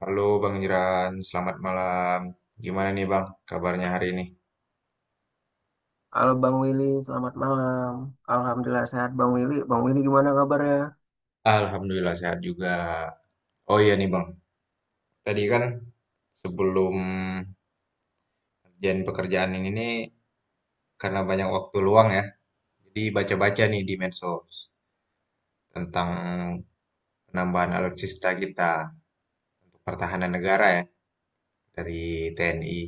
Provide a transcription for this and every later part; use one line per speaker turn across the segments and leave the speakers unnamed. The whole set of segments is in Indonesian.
Halo Bang Jiran, selamat malam. Gimana nih Bang, kabarnya hari ini?
Halo Bang Willy, selamat malam. Alhamdulillah sehat Bang Willy. Bang Willy gimana kabarnya?
Alhamdulillah sehat juga. Oh iya nih Bang, tadi kan sebelum pekerjaan ini nih karena banyak waktu luang ya, jadi baca-baca nih di medsos tentang penambahan alutsista kita untuk pertahanan negara ya dari TNI.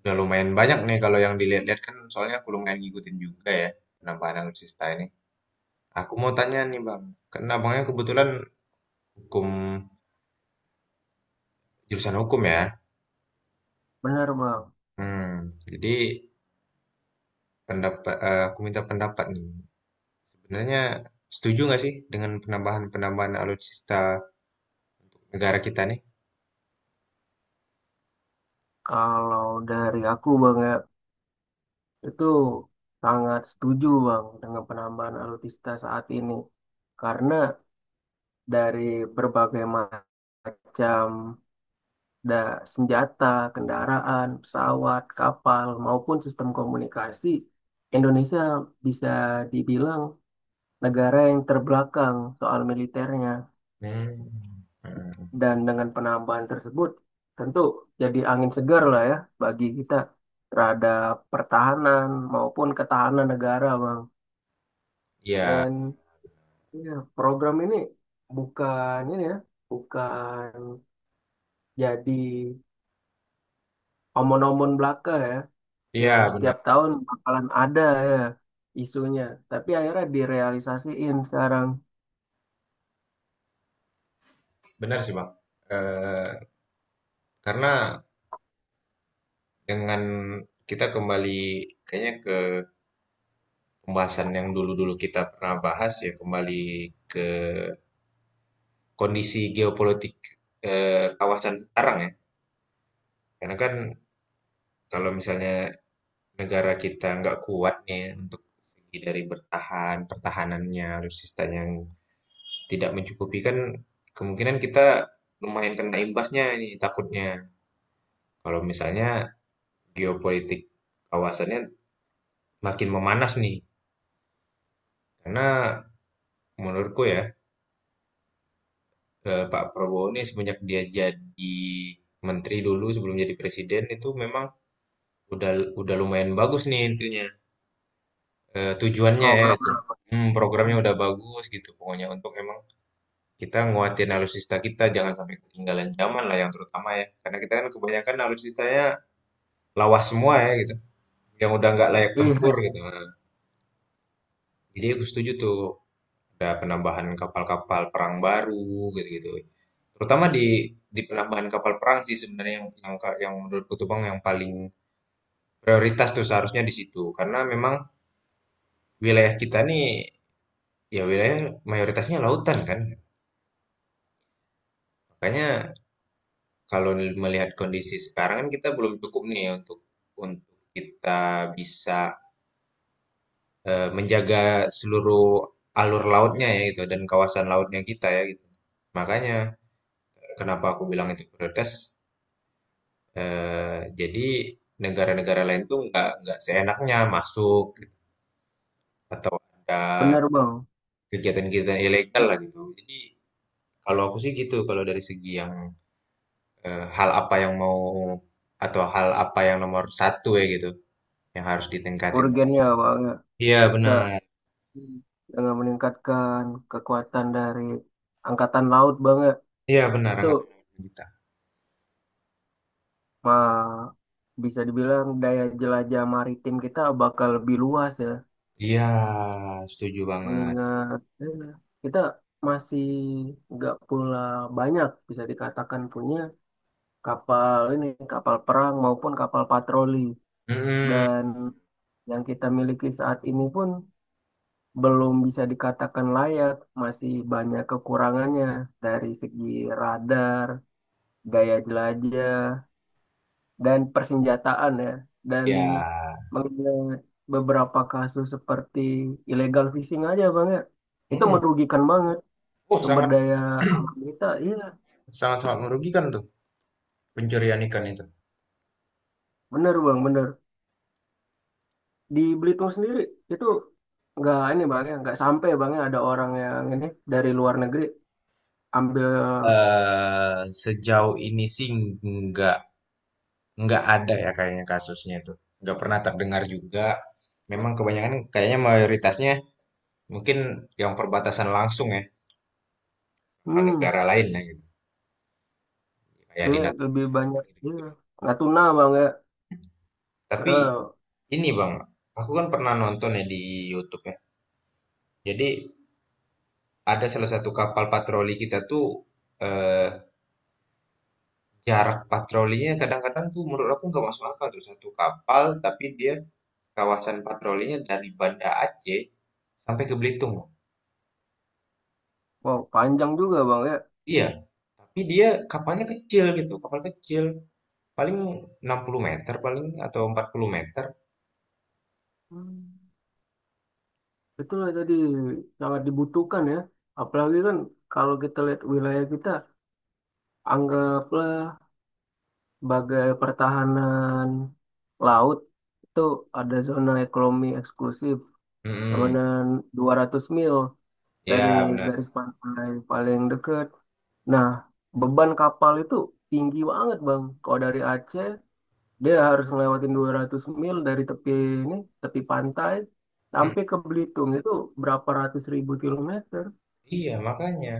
Udah lumayan banyak nih kalau yang dilihat-lihat kan soalnya aku lumayan ngikutin juga ya penambahan alutsista ini. Aku mau tanya nih Bang, karena abangnya kebetulan hukum Jurusan hukum ya?
Benar Bang.
Jadi aku minta pendapat nih. Sebenarnya setuju nggak sih dengan penambahan-penambahan alutsista negara kita nih?
Kalau dari aku Bang ya, itu sangat setuju Bang dengan penambahan alutsista saat ini. Karena dari berbagai macam da senjata, kendaraan, pesawat, kapal, maupun sistem komunikasi, Indonesia bisa dibilang negara yang terbelakang soal militernya.
Hmm. Hmm.
Dan dengan penambahan tersebut, tentu jadi angin segar lah ya bagi kita terhadap pertahanan maupun ketahanan negara, Bang.
Iya,
Dan ya, program ini bukan ini ya, bukan jadi omon-omon belaka ya,
iya
yang
benar.
setiap tahun bakalan ada ya isunya. Tapi akhirnya direalisasiin sekarang
Benar sih, Bang. Eh, karena dengan kita kembali kayaknya ke pembahasan yang dulu-dulu kita pernah bahas ya, kembali ke kondisi geopolitik kawasan sekarang ya. Karena kan kalau misalnya negara kita nggak kuat nih untuk segi dari bertahan, pertahanannya, alutsistanya yang tidak mencukupi kan kemungkinan kita lumayan kena imbasnya ini takutnya. Kalau misalnya geopolitik kawasannya makin memanas nih. Karena menurutku ya, Pak Prabowo ini semenjak dia jadi menteri dulu sebelum jadi presiden itu memang udah udah lumayan bagus nih intinya. Eh, tujuannya ya itu.
programnya, Bang.
Hmm, programnya udah bagus gitu pokoknya untuk emang kita nguatin alutsista kita, jangan sampai ketinggalan zaman lah yang terutama ya. Karena kita kan kebanyakan alutsistanya lawas semua ya gitu. Yang udah nggak layak tempur
Iya,
gitu. Nah, jadi aku setuju tuh ada penambahan kapal-kapal perang baru gitu-gitu. Terutama di penambahan kapal perang sih sebenarnya yang menurutku tuh Bang yang paling prioritas tuh seharusnya di situ. Karena memang wilayah kita nih ya wilayah mayoritasnya lautan kan. Makanya kalau melihat kondisi sekarang kan kita belum cukup nih ya untuk untuk kita bisa menjaga seluruh alur lautnya ya gitu dan kawasan lautnya kita ya gitu. Makanya kenapa aku bilang itu prioritas. Eh, jadi negara-negara lain tuh nggak seenaknya masuk gitu, atau ada
bener Bang.
kegiatan-kegiatan ilegal lah gitu. Jadi kalau aku sih gitu kalau dari segi yang hal apa yang mau atau hal apa yang nomor satu ya gitu yang harus ditingkatin.
Urgennya banget.
Iya
Kita
benar,
dengan meningkatkan kekuatan dari angkatan laut banget.
iya benar
Itu
angkatan lawan kita.
mah bisa dibilang daya jelajah maritim kita bakal lebih luas ya.
Iya, setuju banget.
Mengingat kita masih nggak pula banyak bisa dikatakan punya kapal ini, kapal perang maupun kapal patroli.
Mm,
Dan yang kita miliki saat ini pun belum bisa dikatakan layak, masih banyak kekurangannya dari segi radar, gaya jelajah dan persenjataan ya, dan
iya.
mengenai beberapa kasus seperti illegal fishing aja bang ya, itu
Mm.
merugikan banget
Oh,
sumber
sangat
daya alam kita, iya
sangat sangat merugikan tuh pencurian ikan itu.
bener bang bener. Di Belitung sendiri itu nggak ini bang ya, nggak sampai bang ya ada orang yang ini dari luar negeri ambil.
Eh, sejauh ini sih nggak nggak ada ya kayaknya kasusnya itu. Nggak pernah terdengar juga. Memang kebanyakan kayaknya mayoritasnya mungkin yang perbatasan langsung ya sama
Hmm,
negara lain lah gitu. Kayak di
iya, lebih
Natuna
banyak iya,
gitu-gitu.
nggak tuna bang ya
Tapi
karena
ini Bang, aku kan pernah nonton ya di YouTube ya. Jadi ada salah satu kapal patroli kita tuh eh, jarak patrolinya kadang-kadang tuh menurut aku nggak masuk akal tuh satu kapal tapi dia kawasan patrolinya dari Banda Aceh sampai ke Belitung loh.
wow panjang juga bang ya.
Iya, tapi dia kapalnya kecil gitu, kapal kecil paling 60 meter paling atau 40 meter.
Hmm. Betul lah tadi sangat dibutuhkan ya. Apalagi kan kalau kita lihat wilayah kita, anggaplah sebagai pertahanan laut itu ada zona ekonomi eksklusif,
Hmm,
tabanan 200 mil dari
ya benar.
garis pantai paling dekat. Nah, beban kapal itu tinggi banget Bang. Kalau dari Aceh, dia harus ngelewatin 200 mil dari tepi ini, tepi pantai,
Mm,
sampai ke Belitung itu berapa ratus ribu kilometer.
iya, makanya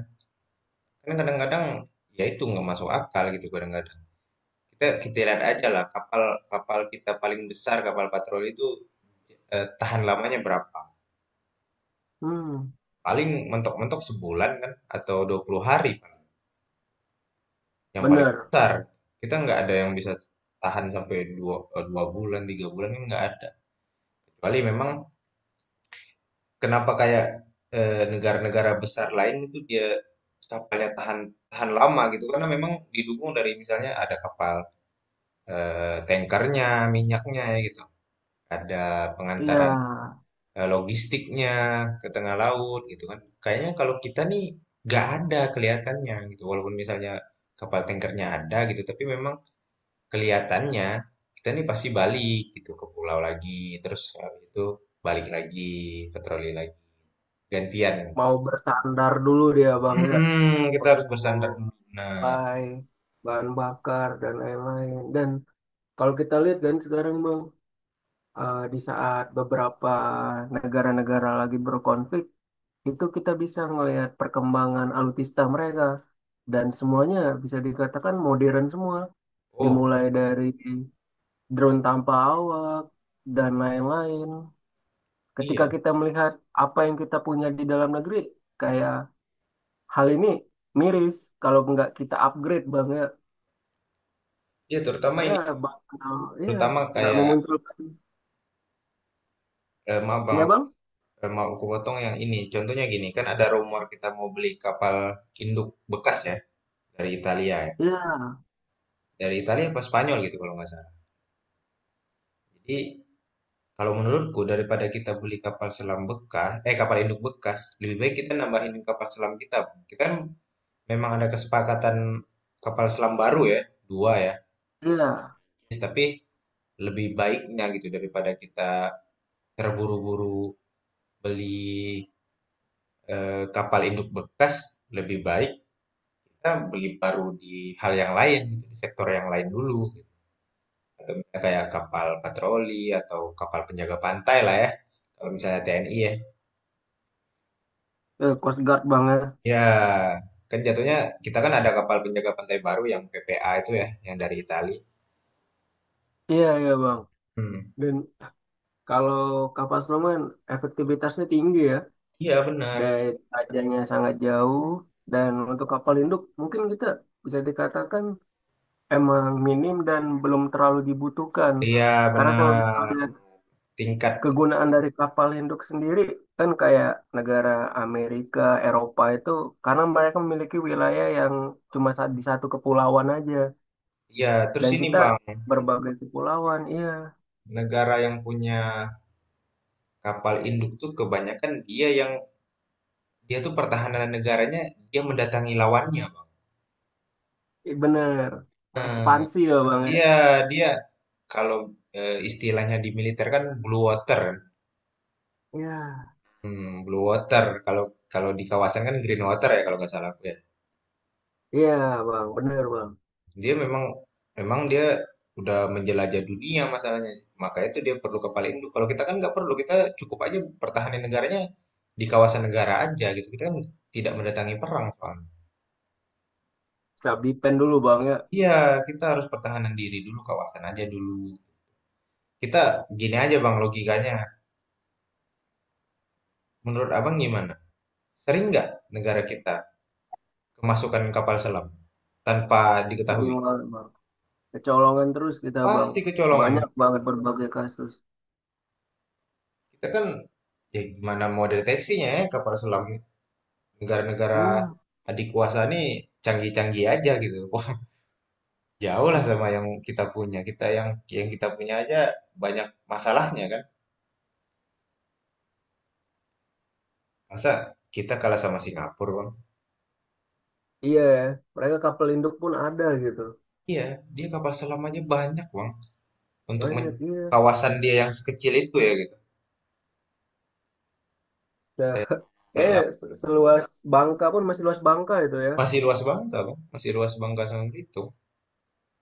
karena kadang-kadang ya itu nggak masuk akal gitu kadang-kadang. Kita kita lihat aja lah kapal kapal kita paling besar kapal patroli itu, tahan lamanya berapa?
Hmm,
Paling mentok-mentok sebulan kan atau 20 hari kan, yang paling
bener.
besar. Kita nggak ada yang bisa tahan sampai 2 bulan, 3 bulan kan nggak ada. Kecuali memang kenapa kayak, negara-negara besar lain itu dia kapalnya tahan tahan lama gitu, karena memang didukung dari misalnya ada kapal, tankernya, minyaknya ya gitu, ada
Iya,
pengantara logistiknya ke tengah laut gitu kan. Kayaknya kalau kita nih nggak ada kelihatannya gitu. Walaupun misalnya kapal tankernya ada gitu, tapi memang kelihatannya kita nih pasti balik gitu ke pulau lagi, terus habis itu balik lagi ke troli lagi, gantian.
mau bersandar dulu dia bang ya,
Kita harus
untuk
bersandar dulu. Nah,
mulai bahan bakar dan lain-lain. Dan kalau kita lihat kan sekarang bang, di saat beberapa negara-negara lagi berkonflik, itu kita bisa melihat perkembangan alutsista mereka. Dan semuanya bisa dikatakan modern semua,
oh
dimulai dari drone tanpa awak dan lain-lain. Ketika
iya,
kita melihat apa yang kita punya di dalam negeri, kayak hal ini miris kalau nggak kita upgrade banget.
iya, terutama
Karena
ini,
bakal, iya,
terutama
nggak
kayak,
memunculkan.
maaf bang,
Iya
aku
bang?
mau aku potong yang ini. Contohnya gini, kan ada rumor kita mau beli kapal induk bekas ya dari Italia, ya.
Iya,
Dari Italia apa Spanyol gitu kalau nggak salah. Jadi kalau menurutku daripada kita beli kapal selam bekas, kapal induk bekas, lebih baik kita nambahin kapal selam kita. Kita kan memang ada kesepakatan kapal selam baru ya, dua ya.
iya.
Yes, tapi lebih baiknya gitu daripada kita terburu-buru beli kapal induk bekas, lebih baik kita beli baru di hal yang lain, gitu, di sektor yang lain dulu. Gitu. Kayak kapal patroli atau kapal penjaga pantai lah ya, kalau misalnya TNI ya.
Eh, Coast Guard banget.
Ya, kan jatuhnya kita kan ada kapal penjaga pantai baru yang PPA itu ya, yang dari Itali.
Iya, iya bang.
Hmm.
Dan kalau kapal selam efektivitasnya tinggi ya.
Iya benar.
Dari tajamnya sangat jauh. Dan untuk kapal induk mungkin kita bisa dikatakan emang minim dan belum terlalu dibutuhkan.
Iya
Karena kalau kita
benar.
lihat
Tingkat.
kegunaan dari kapal induk sendiri kan kayak negara Amerika, Eropa itu karena mereka memiliki wilayah yang cuma di satu kepulauan aja,
Ya, terus
dan
ini
kita
Bang,
berbagai kepulauan. Iya,
negara yang punya kapal induk tuh kebanyakan dia tuh pertahanan negaranya dia mendatangi lawannya, Bang.
bener.
Nah,
Ekspansi ya bang ya.
iya dia kalau istilahnya di militer kan blue water.
Iya,
Blue water. Kalau kalau di kawasan kan green water ya kalau nggak salah aku.
iya bang, bener bang.
Dia memang Memang dia udah menjelajah dunia masalahnya. Makanya itu dia perlu kepala induk. Kalau kita kan nggak perlu, kita cukup aja pertahanin negaranya di kawasan negara aja gitu. Kita kan tidak mendatangi perang soalnya.
Cabdi pen dulu bang ya.
Iya, kita harus pertahanan diri dulu, kawasan aja dulu. Kita gini aja bang logikanya. Menurut abang gimana? Sering nggak negara kita kemasukan kapal selam tanpa
Sering
diketahui?
banget bang. Kecolongan terus kita bang.
Pasti kecolongan.
Banyak banget berbagai kasus.
Kita kan ya gimana mau deteksinya ya kapal selam negara-negara
Hmm,
adik kuasa nih canggih-canggih aja gitu. Wah, jauh lah sama yang kita punya. Kita yang kita punya aja banyak masalahnya kan. Masa kita kalah sama Singapura, Bang?
iya ya. Mereka kapal induk pun ada gitu.
Iya, dia kapal selam aja banyak, Bang. Untuk
Banyak iya.
kawasan dia yang sekecil itu ya gitu. Eh,
Kayaknya
la-
seluas Bangka pun, masih luas Bangka itu ya.
Masih luas Bangka, Bang. Masih luas Bangka sama Belitung.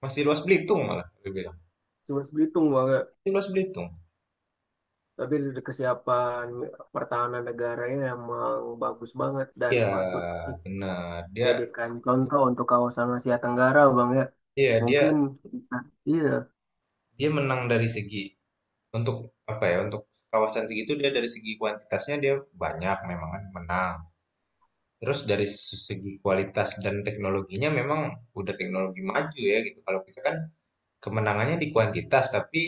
Masih luas Belitung malah, dia bilang.
Seluas Belitung banget.
Masih luas Belitung.
Tapi dari kesiapan pertahanan negaranya emang bagus banget dan
Iya,
patut
benar. Dia,
dijadikan contoh untuk kawasan Asia Tenggara Bang ya.
iya, dia
Mungkin nah, iya,
dia menang dari segi, untuk apa ya, untuk kawasan segitu dia dari segi kuantitasnya dia banyak memang kan menang. Terus dari segi kualitas dan teknologinya memang udah teknologi maju ya gitu. Kalau kita kan kemenangannya di kuantitas tapi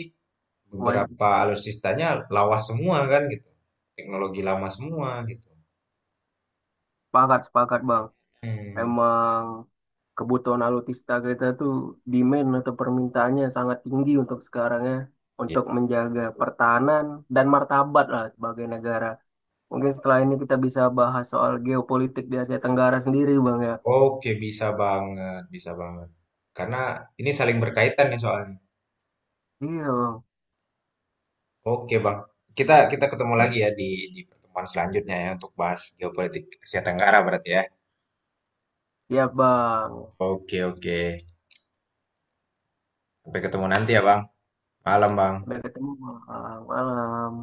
wan-
beberapa alutsistanya lawas semua kan gitu. Teknologi lama semua gitu.
sepakat sepakat Bang.
Hmm.
Emang kebutuhan alutsista kita tuh demand atau permintaannya sangat tinggi untuk sekarang ya.
Ya.
Untuk menjaga pertahanan dan martabat lah sebagai negara. Mungkin setelah ini kita bisa bahas soal geopolitik di Asia Tenggara sendiri, Bang ya.
Oke, bisa banget, bisa banget. Karena ini saling berkaitan ya soalnya.
Iya, Bang.
Oke Bang, kita kita ketemu lagi ya di pertemuan selanjutnya ya untuk bahas geopolitik Asia Tenggara berarti ya.
Ya, Bang.
Oke oke, sampai ketemu nanti ya Bang. Malam Bang.
Sampai ketemu, Bang. Malam.